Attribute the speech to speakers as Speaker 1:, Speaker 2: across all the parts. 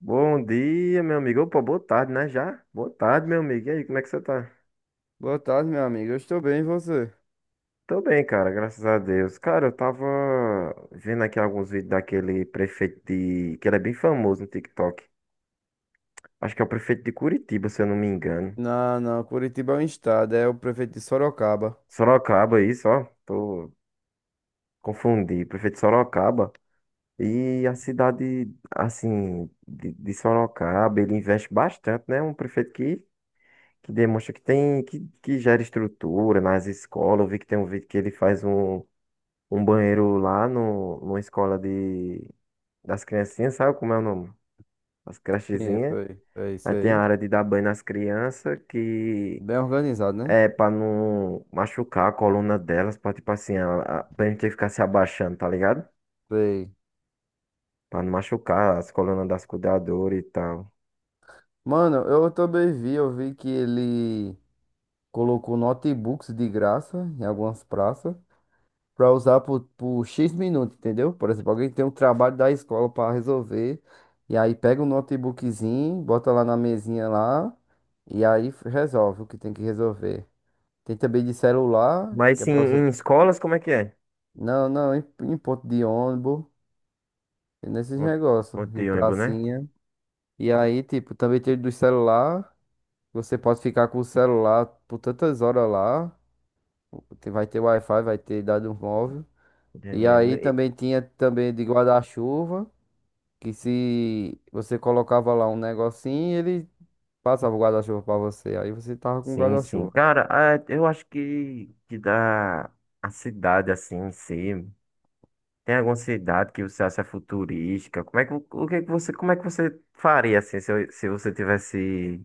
Speaker 1: Bom dia, meu amigo. Opa, boa tarde, né? Já? Boa tarde, meu amigo. E aí, como é que você tá?
Speaker 2: Boa tarde, meu amigo. Eu estou bem, e você?
Speaker 1: Tô bem, cara, graças a Deus. Cara, eu tava vendo aqui alguns vídeos daquele prefeito de... que ele é bem famoso no TikTok. Acho que é o prefeito de Curitiba, se eu não me engano.
Speaker 2: Não, não. Curitiba é um estado, é o prefeito de Sorocaba.
Speaker 1: Sorocaba, isso, ó. Tô... Confundi. Prefeito de Sorocaba. E a cidade, assim, de Sorocaba, ele investe bastante, né? Um prefeito que demonstra que tem que gera estrutura nas escolas. Eu vi que tem um vídeo que ele faz um banheiro lá no, numa escola de, das criancinhas, sabe como é o nome? As
Speaker 2: Sim,
Speaker 1: crechezinhas.
Speaker 2: foi. É
Speaker 1: Aí
Speaker 2: isso
Speaker 1: tem a
Speaker 2: aí.
Speaker 1: área de dar banho nas crianças, que
Speaker 2: Bem organizado, né?
Speaker 1: é pra não machucar a coluna delas, pra tipo assim, pra gente ter que ficar se abaixando, tá ligado?
Speaker 2: Sei.
Speaker 1: Pra não machucar as colunas das cuidadoras e tal.
Speaker 2: Mano, eu também vi, eu vi que ele colocou notebooks de graça em algumas praças para usar por X minutos, entendeu? Por exemplo, alguém tem um trabalho da escola para resolver e aí pega um notebookzinho, bota lá na mesinha lá e aí resolve o que tem que resolver. Tem também de celular,
Speaker 1: Mas
Speaker 2: que é
Speaker 1: sim,
Speaker 2: para.
Speaker 1: em escolas, como é que é?
Speaker 2: Não, não, em ponto de ônibus, nesses
Speaker 1: Onde
Speaker 2: negócios,
Speaker 1: onde
Speaker 2: em
Speaker 1: eu lembro, né?
Speaker 2: pracinha. E aí, tipo, também tem do celular. Você pode ficar com o celular por tantas horas lá. Tem- Vai ter Wi-Fi, vai ter dado um móvel. E
Speaker 1: Entendendo.
Speaker 2: aí também tinha também de guarda-chuva, que se você colocava lá um negocinho, ele passava o guarda-chuva pra você. Aí você tava com o
Speaker 1: Sim, sim.
Speaker 2: guarda-chuva.
Speaker 1: Cara, ah, eu acho que dá a cidade assim em si. Tem alguma cidade que você acha futurística? Como é que, o que é que você, como é que você faria assim, se, se você tivesse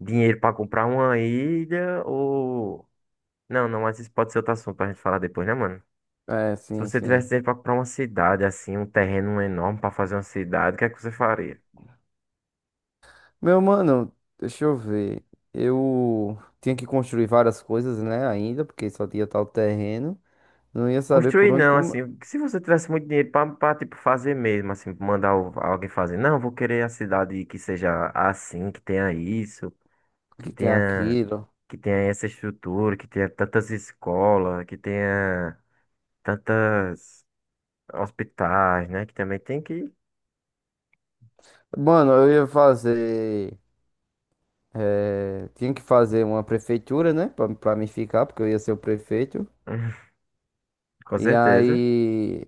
Speaker 1: dinheiro para comprar uma ilha ou não, não, mas isso pode ser outro assunto pra gente falar depois, né, mano?
Speaker 2: É,
Speaker 1: Se
Speaker 2: sim,
Speaker 1: você tivesse
Speaker 2: sim.
Speaker 1: dinheiro para comprar uma cidade assim, um terreno enorme para fazer uma cidade, o que é que você faria?
Speaker 2: Meu mano, deixa eu ver. Eu tinha que construir várias coisas, né, ainda, porque só tinha tal terreno. Não ia saber por
Speaker 1: Construir
Speaker 2: onde
Speaker 1: não,
Speaker 2: como
Speaker 1: assim, se você tivesse muito dinheiro para tipo fazer mesmo, assim, mandar alguém fazer, não, vou querer a cidade que seja assim, que tenha isso. que
Speaker 2: que tem
Speaker 1: tenha
Speaker 2: aquilo.
Speaker 1: Que tenha essa estrutura, que tenha tantas escolas, que tenha tantas hospitais, né? Que também tem que,
Speaker 2: Mano, eu ia fazer. Tinha que fazer uma prefeitura, né, pra mim ficar, porque eu ia ser o prefeito.
Speaker 1: com
Speaker 2: E
Speaker 1: certeza.
Speaker 2: aí,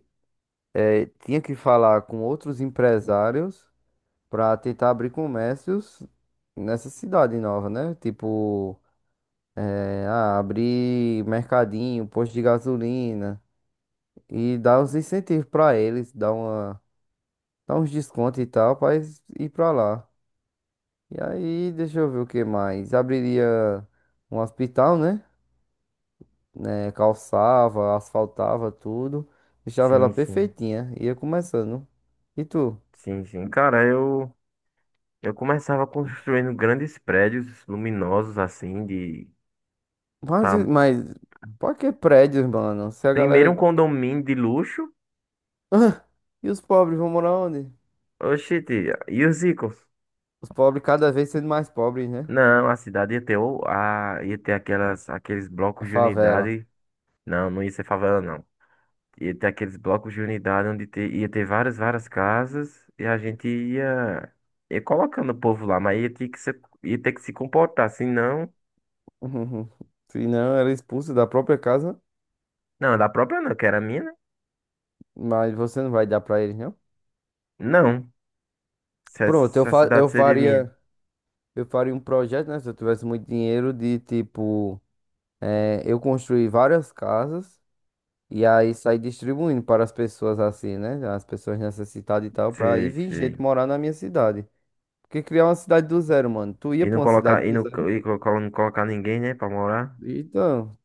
Speaker 2: tinha que falar com outros empresários pra tentar abrir comércios nessa cidade nova, né? Tipo, abrir mercadinho, posto de gasolina. E dá uns incentivos pra eles, dá uma, dá uns descontos e tal, pra eles ir pra lá. E aí, deixa eu ver o que mais. Abriria um hospital, né? Né, calçava, asfaltava tudo, deixava ela
Speaker 1: Sim, sim,
Speaker 2: perfeitinha, ia começando. E tu?
Speaker 1: sim, sim. Cara, eu começava construindo grandes prédios luminosos assim de
Speaker 2: Mas,
Speaker 1: pra-
Speaker 2: mas, Pra que prédios, mano? Se a
Speaker 1: primeiro um
Speaker 2: galera.
Speaker 1: condomínio de luxo.
Speaker 2: E os pobres vão morar onde?
Speaker 1: Oxi, e os ricos?
Speaker 2: Os pobres cada vez sendo mais pobres, né?
Speaker 1: Não, a cidade ia ter o- a ia ter aquelas aqueles
Speaker 2: A
Speaker 1: blocos de
Speaker 2: favela.
Speaker 1: unidade. Não, não ia ser favela, não. Ia ter aqueles blocos de unidade onde ia ter várias, várias casas e a gente ia, ia colocando o povo lá, mas ia ter que se, ia ter que se comportar, senão.
Speaker 2: Se não, ela é expulsa da própria casa,
Speaker 1: Não, da própria não, que era minha, né?
Speaker 2: mas você não vai dar pra eles, não?
Speaker 1: Não. Se a,
Speaker 2: Pronto, eu,
Speaker 1: se a
Speaker 2: fa
Speaker 1: cidade seria minha.
Speaker 2: eu faria um projeto, né? Se eu tivesse muito dinheiro, de tipo, eu construir várias casas e aí sair distribuindo para as pessoas assim, né? As pessoas necessitadas e tal, pra ir
Speaker 1: Sei,
Speaker 2: vir gente
Speaker 1: sei.
Speaker 2: morar na minha cidade. Porque criar uma cidade do zero, mano. Tu ia
Speaker 1: E não
Speaker 2: pra uma cidade
Speaker 1: colocar,
Speaker 2: do zero?
Speaker 1: e colocar não colocar ninguém, né, pra morar.
Speaker 2: Então,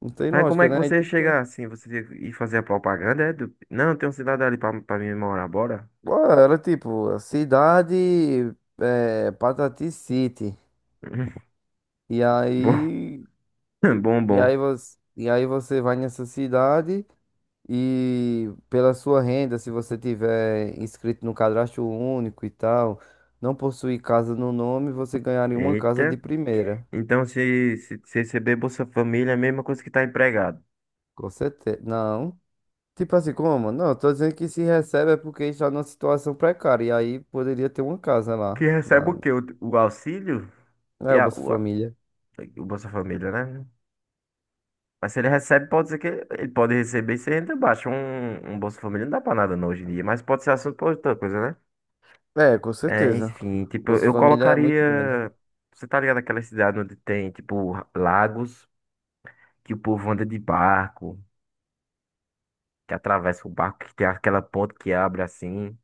Speaker 2: não tem
Speaker 1: Mas como
Speaker 2: lógica,
Speaker 1: é que
Speaker 2: né? Aí
Speaker 1: você ia
Speaker 2: tem que ter um.
Speaker 1: chegar assim? Você ia fazer a propaganda? Não, tem uma cidade ali pra, pra mim morar, bora?
Speaker 2: Pô, era tipo, a cidade, Patati City. E
Speaker 1: Bom,
Speaker 2: aí,
Speaker 1: bom, bom.
Speaker 2: e aí você vai nessa cidade. E pela sua renda, se você tiver inscrito no cadastro único e tal, não possuir casa no nome, você ganharia uma casa de
Speaker 1: Eita.
Speaker 2: primeira.
Speaker 1: Então, se receber Bolsa Família, é a mesma coisa que tá empregado.
Speaker 2: Com certeza. Não. Tipo assim, como? Não, eu tô dizendo que se recebe é porque está numa situação precária. E aí poderia ter uma casa
Speaker 1: Que
Speaker 2: lá.
Speaker 1: recebe
Speaker 2: Na.
Speaker 1: o quê? O auxílio? Que
Speaker 2: É
Speaker 1: é
Speaker 2: o Bolsa
Speaker 1: a-
Speaker 2: Família.
Speaker 1: o Bolsa Família, né? Mas se ele recebe, pode ser que ele pode receber sem renda baixa. Um Bolsa Família não dá pra nada não, hoje em dia, mas pode ser assunto pra outra coisa, né?
Speaker 2: É, com
Speaker 1: É,
Speaker 2: certeza.
Speaker 1: enfim,
Speaker 2: O
Speaker 1: tipo,
Speaker 2: Bolsa
Speaker 1: eu
Speaker 2: Família é muito grande.
Speaker 1: colocaria. Você tá ligado aquela cidade onde tem, tipo, lagos que o povo anda de barco, que atravessa o barco, que tem aquela ponte que abre assim,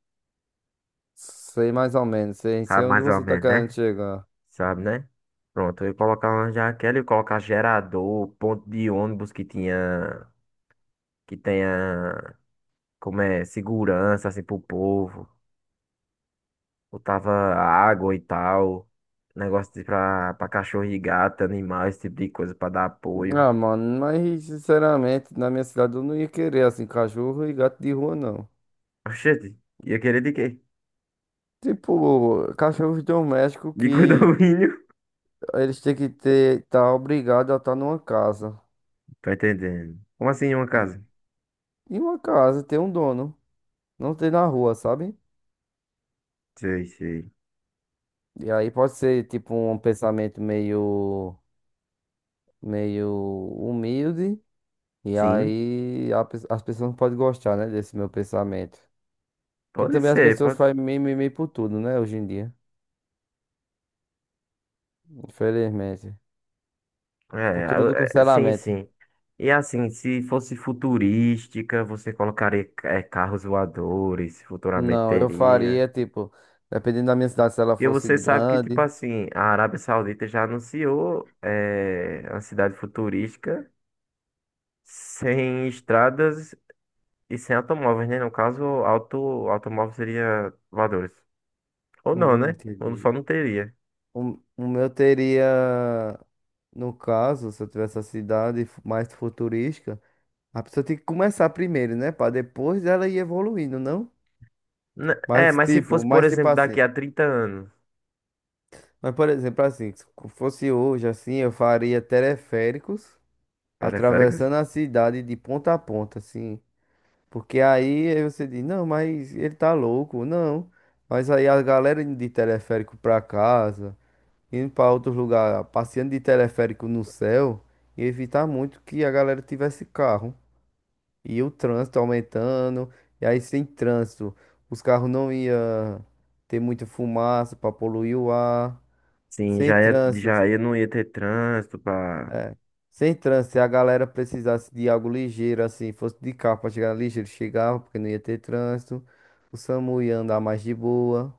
Speaker 2: Sei mais ou menos. Sei, sei
Speaker 1: sabe
Speaker 2: onde
Speaker 1: mais ou
Speaker 2: você tá
Speaker 1: menos,
Speaker 2: querendo
Speaker 1: né?
Speaker 2: chegar.
Speaker 1: Sabe, né? Pronto, eu ia colocar uma jaqueta, eu ia colocar gerador, ponto de ônibus que tinha, que tenha, como é, segurança, assim, pro povo. Botava água e tal, negócio de pra, pra cachorro e gato, animal, esse tipo de coisa, pra dar apoio.
Speaker 2: Ah, mano, mas sinceramente, na minha cidade eu não ia querer assim, cachorro e gato de rua, não.
Speaker 1: Oxente, ia querer de quê?
Speaker 2: Tipo, cachorros domésticos
Speaker 1: De
Speaker 2: que
Speaker 1: condomínio?
Speaker 2: eles têm que ter, tá obrigado a estar numa casa.
Speaker 1: Tá entendendo? Como assim uma casa?
Speaker 2: E uma casa tem um dono, não tem na rua, sabe?
Speaker 1: Sei, sei.
Speaker 2: E aí pode ser tipo um pensamento meio, meio humilde, e
Speaker 1: Sim,
Speaker 2: aí as pessoas não podem gostar, né, desse meu pensamento. Porque
Speaker 1: pode
Speaker 2: também as
Speaker 1: ser,
Speaker 2: pessoas
Speaker 1: pode
Speaker 2: fazem mimimi por tudo, né, hoje em dia, infelizmente. Cultura do
Speaker 1: é, é, sim,
Speaker 2: cancelamento.
Speaker 1: sim. E assim, se fosse futurística, você colocaria carros voadores, futuramente
Speaker 2: Não, eu
Speaker 1: teria.
Speaker 2: faria, tipo, dependendo da minha cidade, se ela
Speaker 1: E
Speaker 2: fosse
Speaker 1: você sabe que, tipo
Speaker 2: grande.
Speaker 1: assim, a Arábia Saudita já anunciou uma cidade futurística sem estradas e sem automóveis, né? No caso, automóvel seria voadores. Ou não, né? Ou
Speaker 2: Entendi.
Speaker 1: só não teria.
Speaker 2: O meu teria, no caso, se eu tivesse a cidade mais futurística, a pessoa tem que começar primeiro, né? Pra depois ela ir evoluindo, não?
Speaker 1: É, mas se fosse, por
Speaker 2: Mas tipo
Speaker 1: exemplo, daqui
Speaker 2: assim.
Speaker 1: a 30 anos,
Speaker 2: Mas, por exemplo, assim, se fosse hoje, assim, eu faria teleféricos
Speaker 1: periféricos?
Speaker 2: atravessando a cidade de ponta a ponta, assim. Porque aí você diz, não, mas ele tá louco, não. Mas aí a galera indo de teleférico pra casa, indo pra outros lugares, passeando de teleférico no céu, ia evitar muito que a galera tivesse carro. E o trânsito aumentando, e aí sem trânsito, os carros não iam ter muita fumaça pra poluir o ar.
Speaker 1: Sim,
Speaker 2: Sem trânsito,
Speaker 1: já ia, não ia ter trânsito pra.
Speaker 2: Sem trânsito, Se a galera precisasse de algo ligeiro, assim, fosse de carro pra chegar ligeiro, chegava, porque não ia ter trânsito. O SAMU ia andar mais de boa.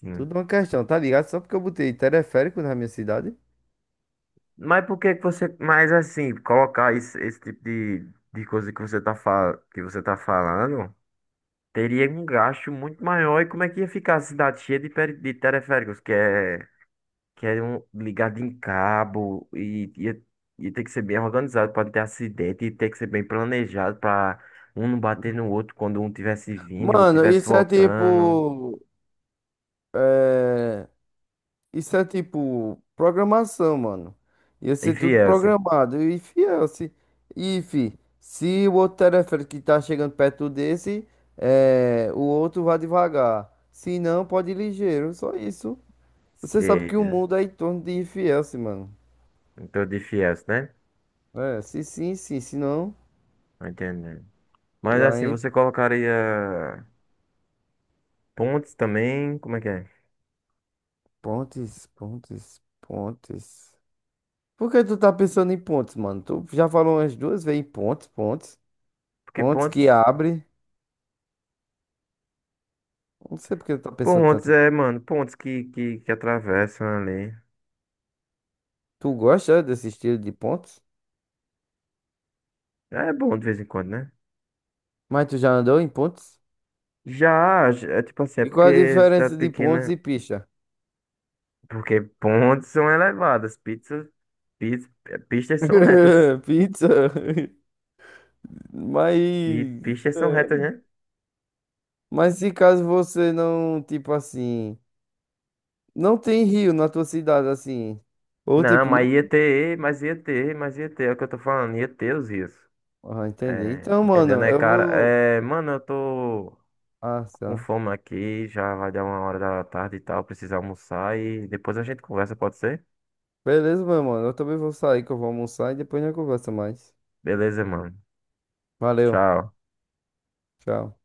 Speaker 1: Sim.
Speaker 2: Tudo uma questão, tá ligado? Só porque eu botei teleférico na minha cidade.
Speaker 1: Mas por que que você. Mas assim, colocar esse tipo de coisa que você tá, que você tá falando, teria um gasto muito maior. E como é que ia ficar a cidade cheia de, de teleféricos? Que é um, ligado em cabo e ia, ia ter que ser bem organizado para não ter acidente, e ter que ser bem planejado para um não bater no outro quando um tivesse vindo e o outro
Speaker 2: Mano,
Speaker 1: tivesse
Speaker 2: isso é
Speaker 1: voltando.
Speaker 2: tipo. Isso é tipo programação, mano. Ia ser
Speaker 1: Enfim,
Speaker 2: tudo
Speaker 1: é assim.
Speaker 2: programado. E fiel, se, e, fi, Se o outro teleférico que tá chegando perto desse, o outro vai devagar. Se não, pode ir ligeiro. Só isso. Você sabe que
Speaker 1: Sei.
Speaker 2: o mundo é em torno de IFS, mano.
Speaker 1: Então, de fiéis, né?
Speaker 2: É, se sim, sim, se não.
Speaker 1: Tô entendendo.
Speaker 2: E
Speaker 1: Mas assim,
Speaker 2: aí,
Speaker 1: você colocaria pontes também? Como é que é?
Speaker 2: pontes. Por que tu tá pensando em pontes, mano? Tu já falou umas 2 vezes em pontes.
Speaker 1: Porque
Speaker 2: Pontes que
Speaker 1: pontes.
Speaker 2: abre. Não sei por que tu tá pensando
Speaker 1: Pontes
Speaker 2: tanto em.
Speaker 1: é, mano, pontes que atravessam ali.
Speaker 2: Tu gosta desse estilo de pontes?
Speaker 1: É bom de vez em quando, né?
Speaker 2: Mas tu já andou em pontes?
Speaker 1: É tipo assim, é
Speaker 2: E qual a
Speaker 1: porque cidade
Speaker 2: diferença de pontes
Speaker 1: pequena.
Speaker 2: e pista?
Speaker 1: Porque pontes são elevadas, pizzas, piz- pistas são retas.
Speaker 2: Pizza. Mas,
Speaker 1: E pistas são
Speaker 2: é,
Speaker 1: retas, né?
Speaker 2: mas se caso você não, tipo assim, não tem rio na tua cidade, assim, ou
Speaker 1: Não,
Speaker 2: tipo, não.
Speaker 1: mas ia ter, é o que eu tô falando, ia ter os rios.
Speaker 2: Ah, entendi.
Speaker 1: É,
Speaker 2: Então,
Speaker 1: entendeu,
Speaker 2: mano,
Speaker 1: né,
Speaker 2: eu
Speaker 1: cara?
Speaker 2: vou.
Speaker 1: É, mano, eu tô
Speaker 2: Ah,
Speaker 1: com
Speaker 2: tá.
Speaker 1: fome aqui, já vai dar 1 hora da tarde e tal, precisa almoçar e depois a gente conversa, pode ser?
Speaker 2: Beleza, meu mano. Eu também vou sair, que eu vou almoçar e depois a gente conversa mais.
Speaker 1: Beleza, mano.
Speaker 2: Valeu.
Speaker 1: Tchau.
Speaker 2: Tchau.